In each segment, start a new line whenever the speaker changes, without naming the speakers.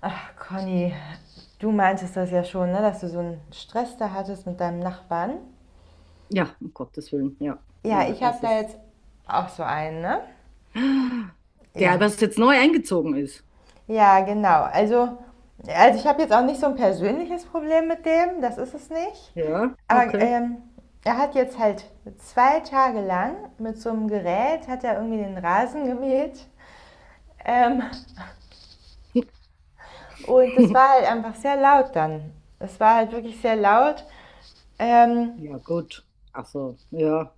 Ach, Conny, du meintest das ja schon, ne, dass du so einen Stress da hattest mit deinem Nachbarn.
Ja, um Gottes Willen, ja.
Ja,
Na,
ich habe
es
da
ist.
jetzt auch so einen, ne?
Der, was
Ja.
jetzt neu eingezogen ist.
Ja, genau. Also ich habe jetzt auch nicht so ein persönliches Problem mit dem, das ist es nicht.
Ja,
Aber
okay.
er hat jetzt halt 2 Tage lang mit so einem Gerät, hat er irgendwie den Rasen gemäht. Ähm, und das war halt einfach sehr laut dann. Es war halt wirklich sehr laut. Ähm,
Ja, gut. Ach so, ja.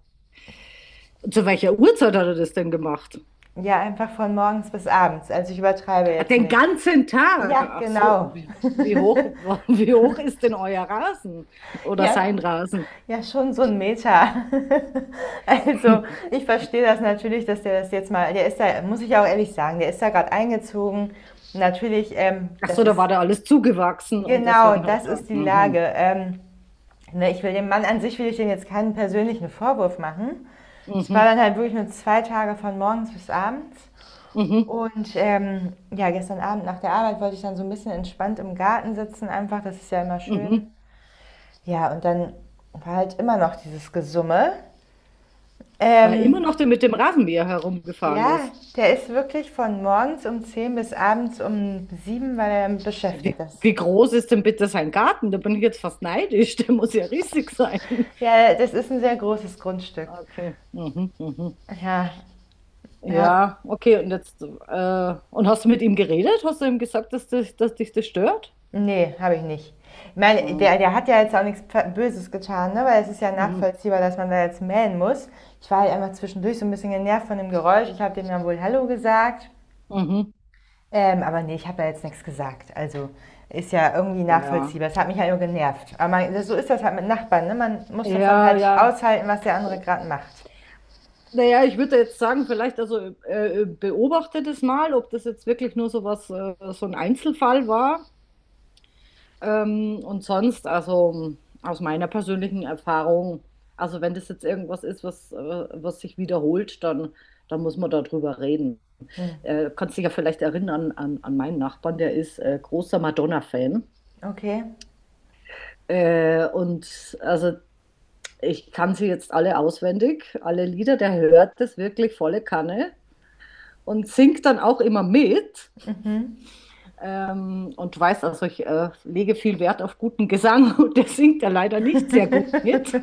Zu welcher Uhrzeit hat er das denn gemacht?
Ja, einfach von morgens bis abends. Also ich übertreibe
Ah,
jetzt
den
nicht.
ganzen Tag.
Ja,
Ach so,
genau.
wie, wie hoch, wie hoch ist denn euer Rasen? Oder
Ja,
sein Rasen?
ja, schon so ein Meter. Also ich verstehe das natürlich, dass der das jetzt mal, der ist da, muss ich auch ehrlich sagen, der ist da gerade eingezogen. Natürlich,
Ach
das
so, da
ist,
war da alles zugewachsen und
genau,
deswegen hat er
das
da.
ist die Lage.
Mhm,
Ne, ich will dem Mann an sich, will ich dem jetzt keinen persönlichen Vorwurf machen. Ich war
mhm,
dann halt wirklich nur 2 Tage von morgens bis abends.
mhm,
Und ja, gestern Abend nach der Arbeit wollte ich dann so ein bisschen entspannt im Garten sitzen, einfach, das ist ja immer
mhm.
schön. Ja, und dann war halt immer noch dieses Gesumme.
War immer
Ähm,
noch der mit dem Rasenmäher herumgefahren
ja,
ist.
der ist wirklich von morgens um 10 bis abends um 7, weil er
Wie,
beschäftigt ist.
wie groß ist denn bitte sein Garten? Da bin ich jetzt fast neidisch. Der muss ja riesig sein.
Ja, das ist ein sehr großes Grundstück.
Okay. Mhm, mhm.
Ja, ja.
Ja, okay. Und jetzt, und hast du mit ihm geredet? Hast du ihm gesagt, dass dich das stört?
Ne, habe ich nicht. Ich meine,
Mhm,
der hat ja jetzt auch nichts Böses getan, ne? Weil es ist ja
mhm.
nachvollziehbar, dass man da jetzt mähen muss. Ich war halt einfach zwischendurch so ein bisschen genervt von dem Geräusch. Ich habe dem dann wohl Hallo gesagt.
Mhm.
Aber nee, ich habe da jetzt nichts gesagt. Also ist ja irgendwie
Ja.
nachvollziehbar. Es hat mich halt nur genervt. Aber man, so ist das halt mit Nachbarn. Ne? Man muss das dann
Ja,
halt
ja.
aushalten, was der andere gerade macht.
Naja, ich würde jetzt sagen, vielleicht also beobachte das mal, ob das jetzt wirklich nur so ein Einzelfall war. Und sonst, also aus meiner persönlichen Erfahrung, also wenn das jetzt irgendwas ist, was, was sich wiederholt, dann muss man darüber reden. Kannst dich ja vielleicht erinnern an meinen Nachbarn, der ist großer Madonna-Fan.
Okay.
Und also ich kann sie jetzt alle auswendig, alle Lieder, der hört das wirklich volle Kanne und singt dann auch immer mit. Und weiß, also ich lege viel Wert auf guten Gesang und der singt ja leider nicht sehr gut mit.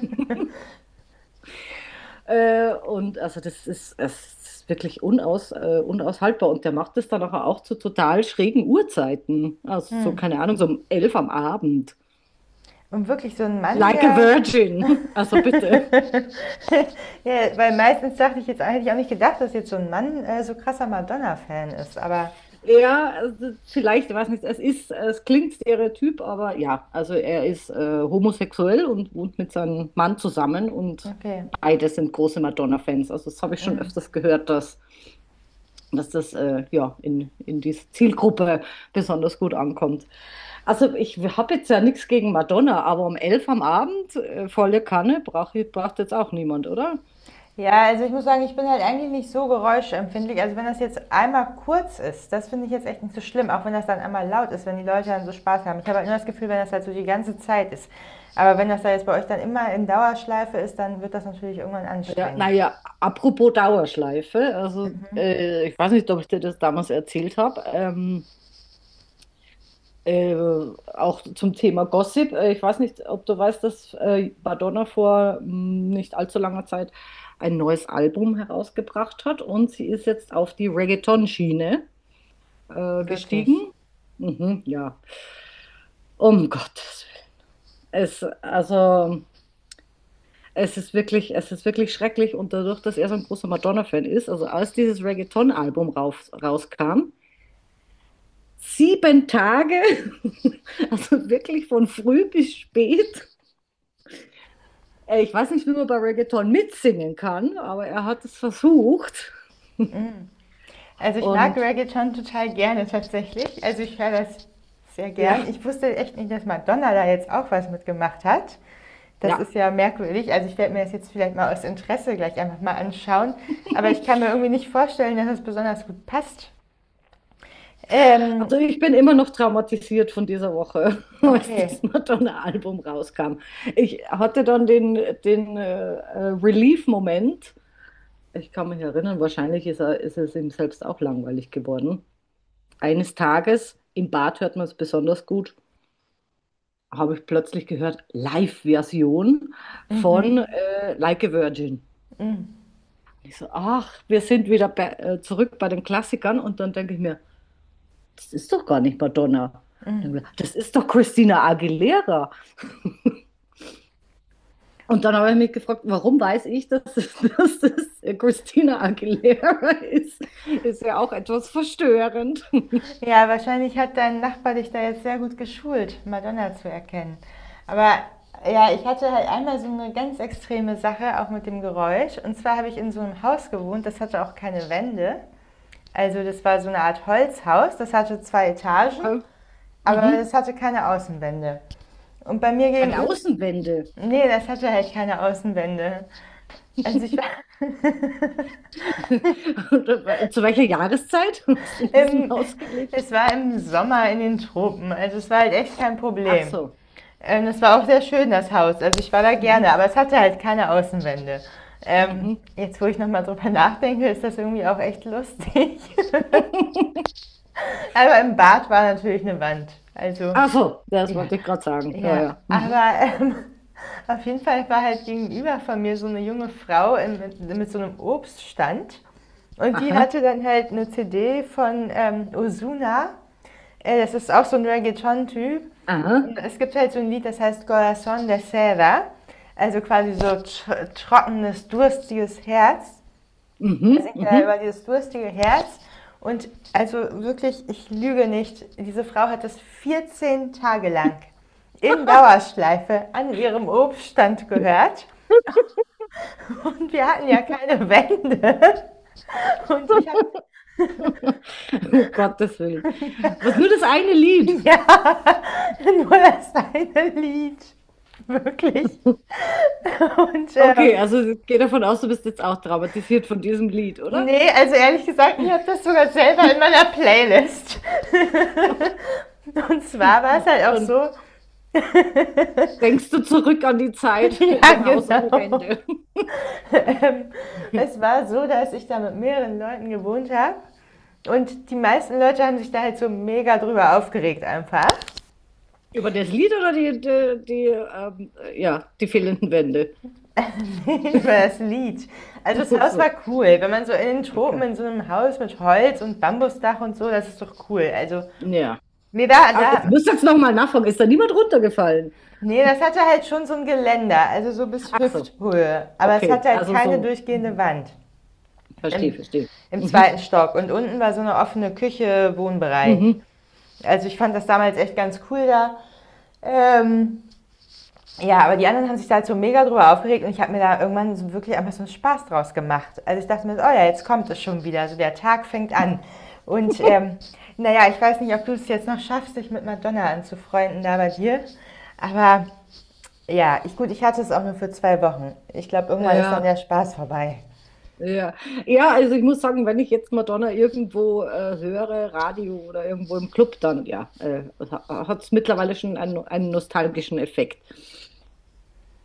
Und also das ist, es ist wirklich unaushaltbar. Und der macht das dann nachher auch zu total schrägen Uhrzeiten. Also so,
Hm.
keine Ahnung, so um 11 am Abend.
Und wirklich so ein Mann,
Like a
der
Virgin. Also bitte.
ja, weil meistens dachte ich jetzt, hätte ich auch nicht gedacht, dass jetzt so ein Mann so krasser Madonna-Fan ist, aber
Ja, also vielleicht, ich weiß nicht, es klingt Stereotyp, aber ja, also er ist homosexuell und wohnt mit seinem Mann zusammen und
okay.
beide sind große Madonna-Fans. Also das habe ich schon öfters gehört, dass das ja in diese Zielgruppe besonders gut ankommt. Also ich habe jetzt ja nichts gegen Madonna, aber um 11 am Abend, volle Kanne, braucht jetzt auch niemand, oder?
Ja, also ich muss sagen, ich bin halt eigentlich nicht so geräuschempfindlich. Also wenn das jetzt einmal kurz ist, das finde ich jetzt echt nicht so schlimm, auch wenn das dann einmal laut ist, wenn die Leute dann so Spaß haben. Ich habe halt nur das Gefühl, wenn das halt so die ganze Zeit ist. Aber wenn das da jetzt bei euch dann immer in Dauerschleife ist, dann wird das natürlich irgendwann
Ja,
anstrengend.
naja, apropos Dauerschleife, also ich weiß nicht, ob ich dir das damals erzählt habe, auch zum Thema Gossip. Ich weiß nicht, ob du weißt, dass Madonna vor nicht allzu langer Zeit ein neues Album herausgebracht hat und sie ist jetzt auf die Reggaeton-Schiene
Wirklich.
gestiegen. Mhm, ja, um Gottes Es, also, es ist wirklich schrecklich und dadurch, dass er so ein großer Madonna-Fan ist, also als dieses Reggaeton-Album rauskam, 7 Tage, also wirklich von früh bis spät. Ich weiß nicht, wie man bei Reggaeton mitsingen kann, aber er hat es versucht
Also ich mag
und
Reggae schon total gerne tatsächlich. Also ich höre das sehr gern.
ja,
Ich wusste echt nicht, dass Madonna da jetzt auch was mitgemacht hat. Das
ja.
ist ja merkwürdig. Also ich werde mir das jetzt vielleicht mal aus Interesse gleich einfach mal anschauen. Aber ich kann mir irgendwie nicht vorstellen, dass es besonders gut passt. Ähm,
Also ich bin immer noch traumatisiert von dieser Woche, als
okay.
das Madonna-Album rauskam. Ich hatte dann den Relief-Moment. Ich kann mich erinnern, wahrscheinlich ist es ihm selbst auch langweilig geworden. Eines Tages, im Bad hört man es besonders gut, habe ich plötzlich gehört, Live-Version von
Mhm.
Like a Virgin.
Mhm.
Und ich so, ach, wir sind wieder zurück bei den Klassikern. Und dann denke ich mir, das ist doch gar nicht Madonna. Dann denk ich mir, das ist doch Christina Aguilera. Und dann habe ich mich gefragt, warum weiß ich, dass es Christina Aguilera ist? Ist ja auch etwas verstörend.
Ja, wahrscheinlich hat dein Nachbar dich da jetzt sehr gut geschult, Madonna zu erkennen. Aber ja, ich hatte halt einmal so eine ganz extreme Sache, auch mit dem Geräusch. Und zwar habe ich in so einem Haus gewohnt, das hatte auch keine Wände. Also das war so eine Art Holzhaus, das hatte 2 Etagen,
Okay.
aber das
Mhm.
hatte keine Außenwände. Und bei mir
Keine
gegenüber,
Außenwände.
nee, das hatte halt keine Außenwände. Also ich war
Und, zu welcher Jahreszeit hast du in diesem
im,
Haus gelebt?
es war im Sommer in den Tropen, also es war halt echt kein
Ach
Problem.
so.
Das war auch sehr schön, das Haus. Also ich war da gerne,
Mhm.
aber es hatte halt keine Außenwände. Ähm,
Mhm.
Jetzt, wo ich nochmal drüber nachdenke, ist das irgendwie auch echt lustig. Aber im Bad war natürlich eine Wand. Also,
Ach so, das
ja.
wollte ich gerade sagen. Ja,
Ja,
ja.
aber
Mhm.
auf jeden Fall war halt gegenüber von mir so eine junge Frau mit so einem Obststand. Und die
Aha,
hatte dann halt eine CD von Ozuna das ist auch so ein Reggaeton-Typ.
aha.
Und es gibt halt so ein Lied, das heißt „Corazón de Seda“, also quasi so tr trockenes, durstiges Herz. Er
Mhm,
singt da
mhm.
über dieses durstige Herz und also wirklich, ich lüge nicht, diese Frau hat das 14 Tage lang in Dauerschleife an ihrem Obststand gehört und wir hatten ja keine Wände und ich habe
Um Gottes Willen. Was, nur das eine Lied.
ja, nur das eine Lied, wirklich. Und
Okay, also ich gehe davon aus, du bist jetzt auch traumatisiert von diesem Lied, oder?
nee, also ehrlich gesagt, ich habe das sogar selber in meiner Playlist. Und zwar war es halt auch
Dann
so,
denkst du zurück an die Zeit in
ja
dem Haus ohne
genau,
Wände.
ähm, es war so, dass ich da mit mehreren Leuten gewohnt habe. Und die meisten Leute haben sich da halt so mega drüber aufgeregt einfach,
Über das Lied oder ja, die fehlenden Wände?
über das Lied. Also das Haus war
So,
cool. Wenn man so in den Tropen
okay.
in so einem Haus mit Holz und Bambusdach und so, das ist doch cool. Also
Ja.
mir war
Also, ich
da
muss jetzt nochmal nachfragen, ist da niemand runtergefallen?
Nee, das hatte halt schon so ein Geländer, also so bis
Ach so,
Hüfthöhe. Aber es
okay.
hatte halt
Also
keine
so,
durchgehende
mhm.
Wand
Verstehe,
im,
verstehe.
im
Mhm.
zweiten Stock. Und unten war so eine offene Küche, Wohnbereich.
Mhm.
Also ich fand das damals echt ganz cool da. Ähm, ja, aber die anderen haben sich da halt so mega drüber aufgeregt und ich habe mir da irgendwann so wirklich einfach so einen Spaß draus gemacht. Also ich dachte mir, so, oh ja, jetzt kommt es schon wieder, so der Tag fängt an. Und naja, ich weiß nicht, ob du es jetzt noch schaffst, dich mit Madonna anzufreunden da bei dir, aber ja, ich, gut, ich hatte es auch nur für 2 Wochen. Ich glaube, irgendwann ist dann
Ja,
der Spaß vorbei.
ja. Ja, also ich muss sagen, wenn ich jetzt Madonna irgendwo höre, Radio oder irgendwo im Club, dann ja, hat es mittlerweile schon einen nostalgischen Effekt.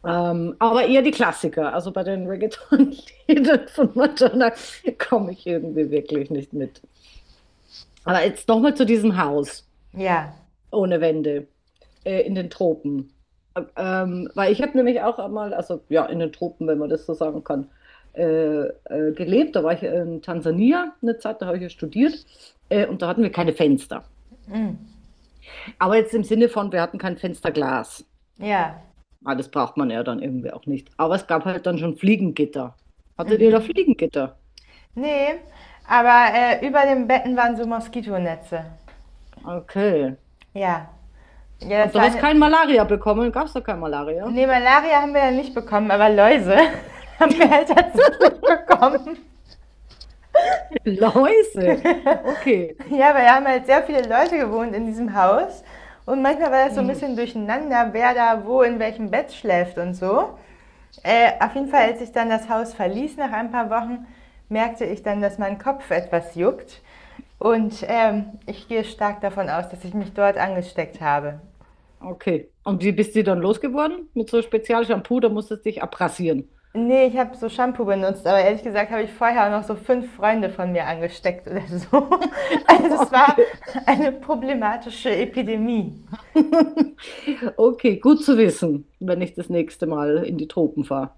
Aber eher die Klassiker. Also bei den Reggaeton-Liedern von Madonna komme ich irgendwie wirklich nicht mit. Aber jetzt nochmal zu diesem Haus
Ja,
ohne Wände in den Tropen. Weil ich habe nämlich auch einmal, also ja, in den Tropen, wenn man das so sagen kann, gelebt. Da war ich in Tansania eine Zeit, da habe ich ja studiert. Und da hatten wir keine Fenster. Aber jetzt im Sinne von, wir hatten kein Fensterglas.
ja.
Ah, das braucht man ja dann irgendwie auch nicht. Aber es gab halt dann schon Fliegengitter. Hattet ihr da Fliegengitter?
Nee, aber über den Betten waren so Moskitonetze.
Okay.
Ja. Ja,
Und
das
du
war
hast
eine.
kein Malaria bekommen? Gab es da kein Malaria?
Nee, Malaria haben wir ja nicht bekommen, aber Läuse haben wir halt tatsächlich bekommen.
Läuse. Okay.
Ja, weil da haben halt sehr viele Leute gewohnt in diesem Haus. Und manchmal war das so ein
Mhm.
bisschen durcheinander, wer da wo in welchem Bett schläft und so. Auf jeden Fall,
Okay.
als ich dann das Haus verließ nach ein paar Wochen, merkte ich dann, dass mein Kopf etwas juckt. Und ich gehe stark davon aus, dass ich mich dort angesteckt habe.
Okay. Und wie bist du dann losgeworden? Mit so Spezialshampoo, da musstest du dich abrasieren.
Nee, ich habe so Shampoo benutzt, aber ehrlich gesagt habe ich vorher auch noch so 5 Freunde von mir angesteckt oder so. Also es war
Okay.
eine problematische Epidemie.
Okay, gut zu wissen, wenn ich das nächste Mal in die Tropen fahre.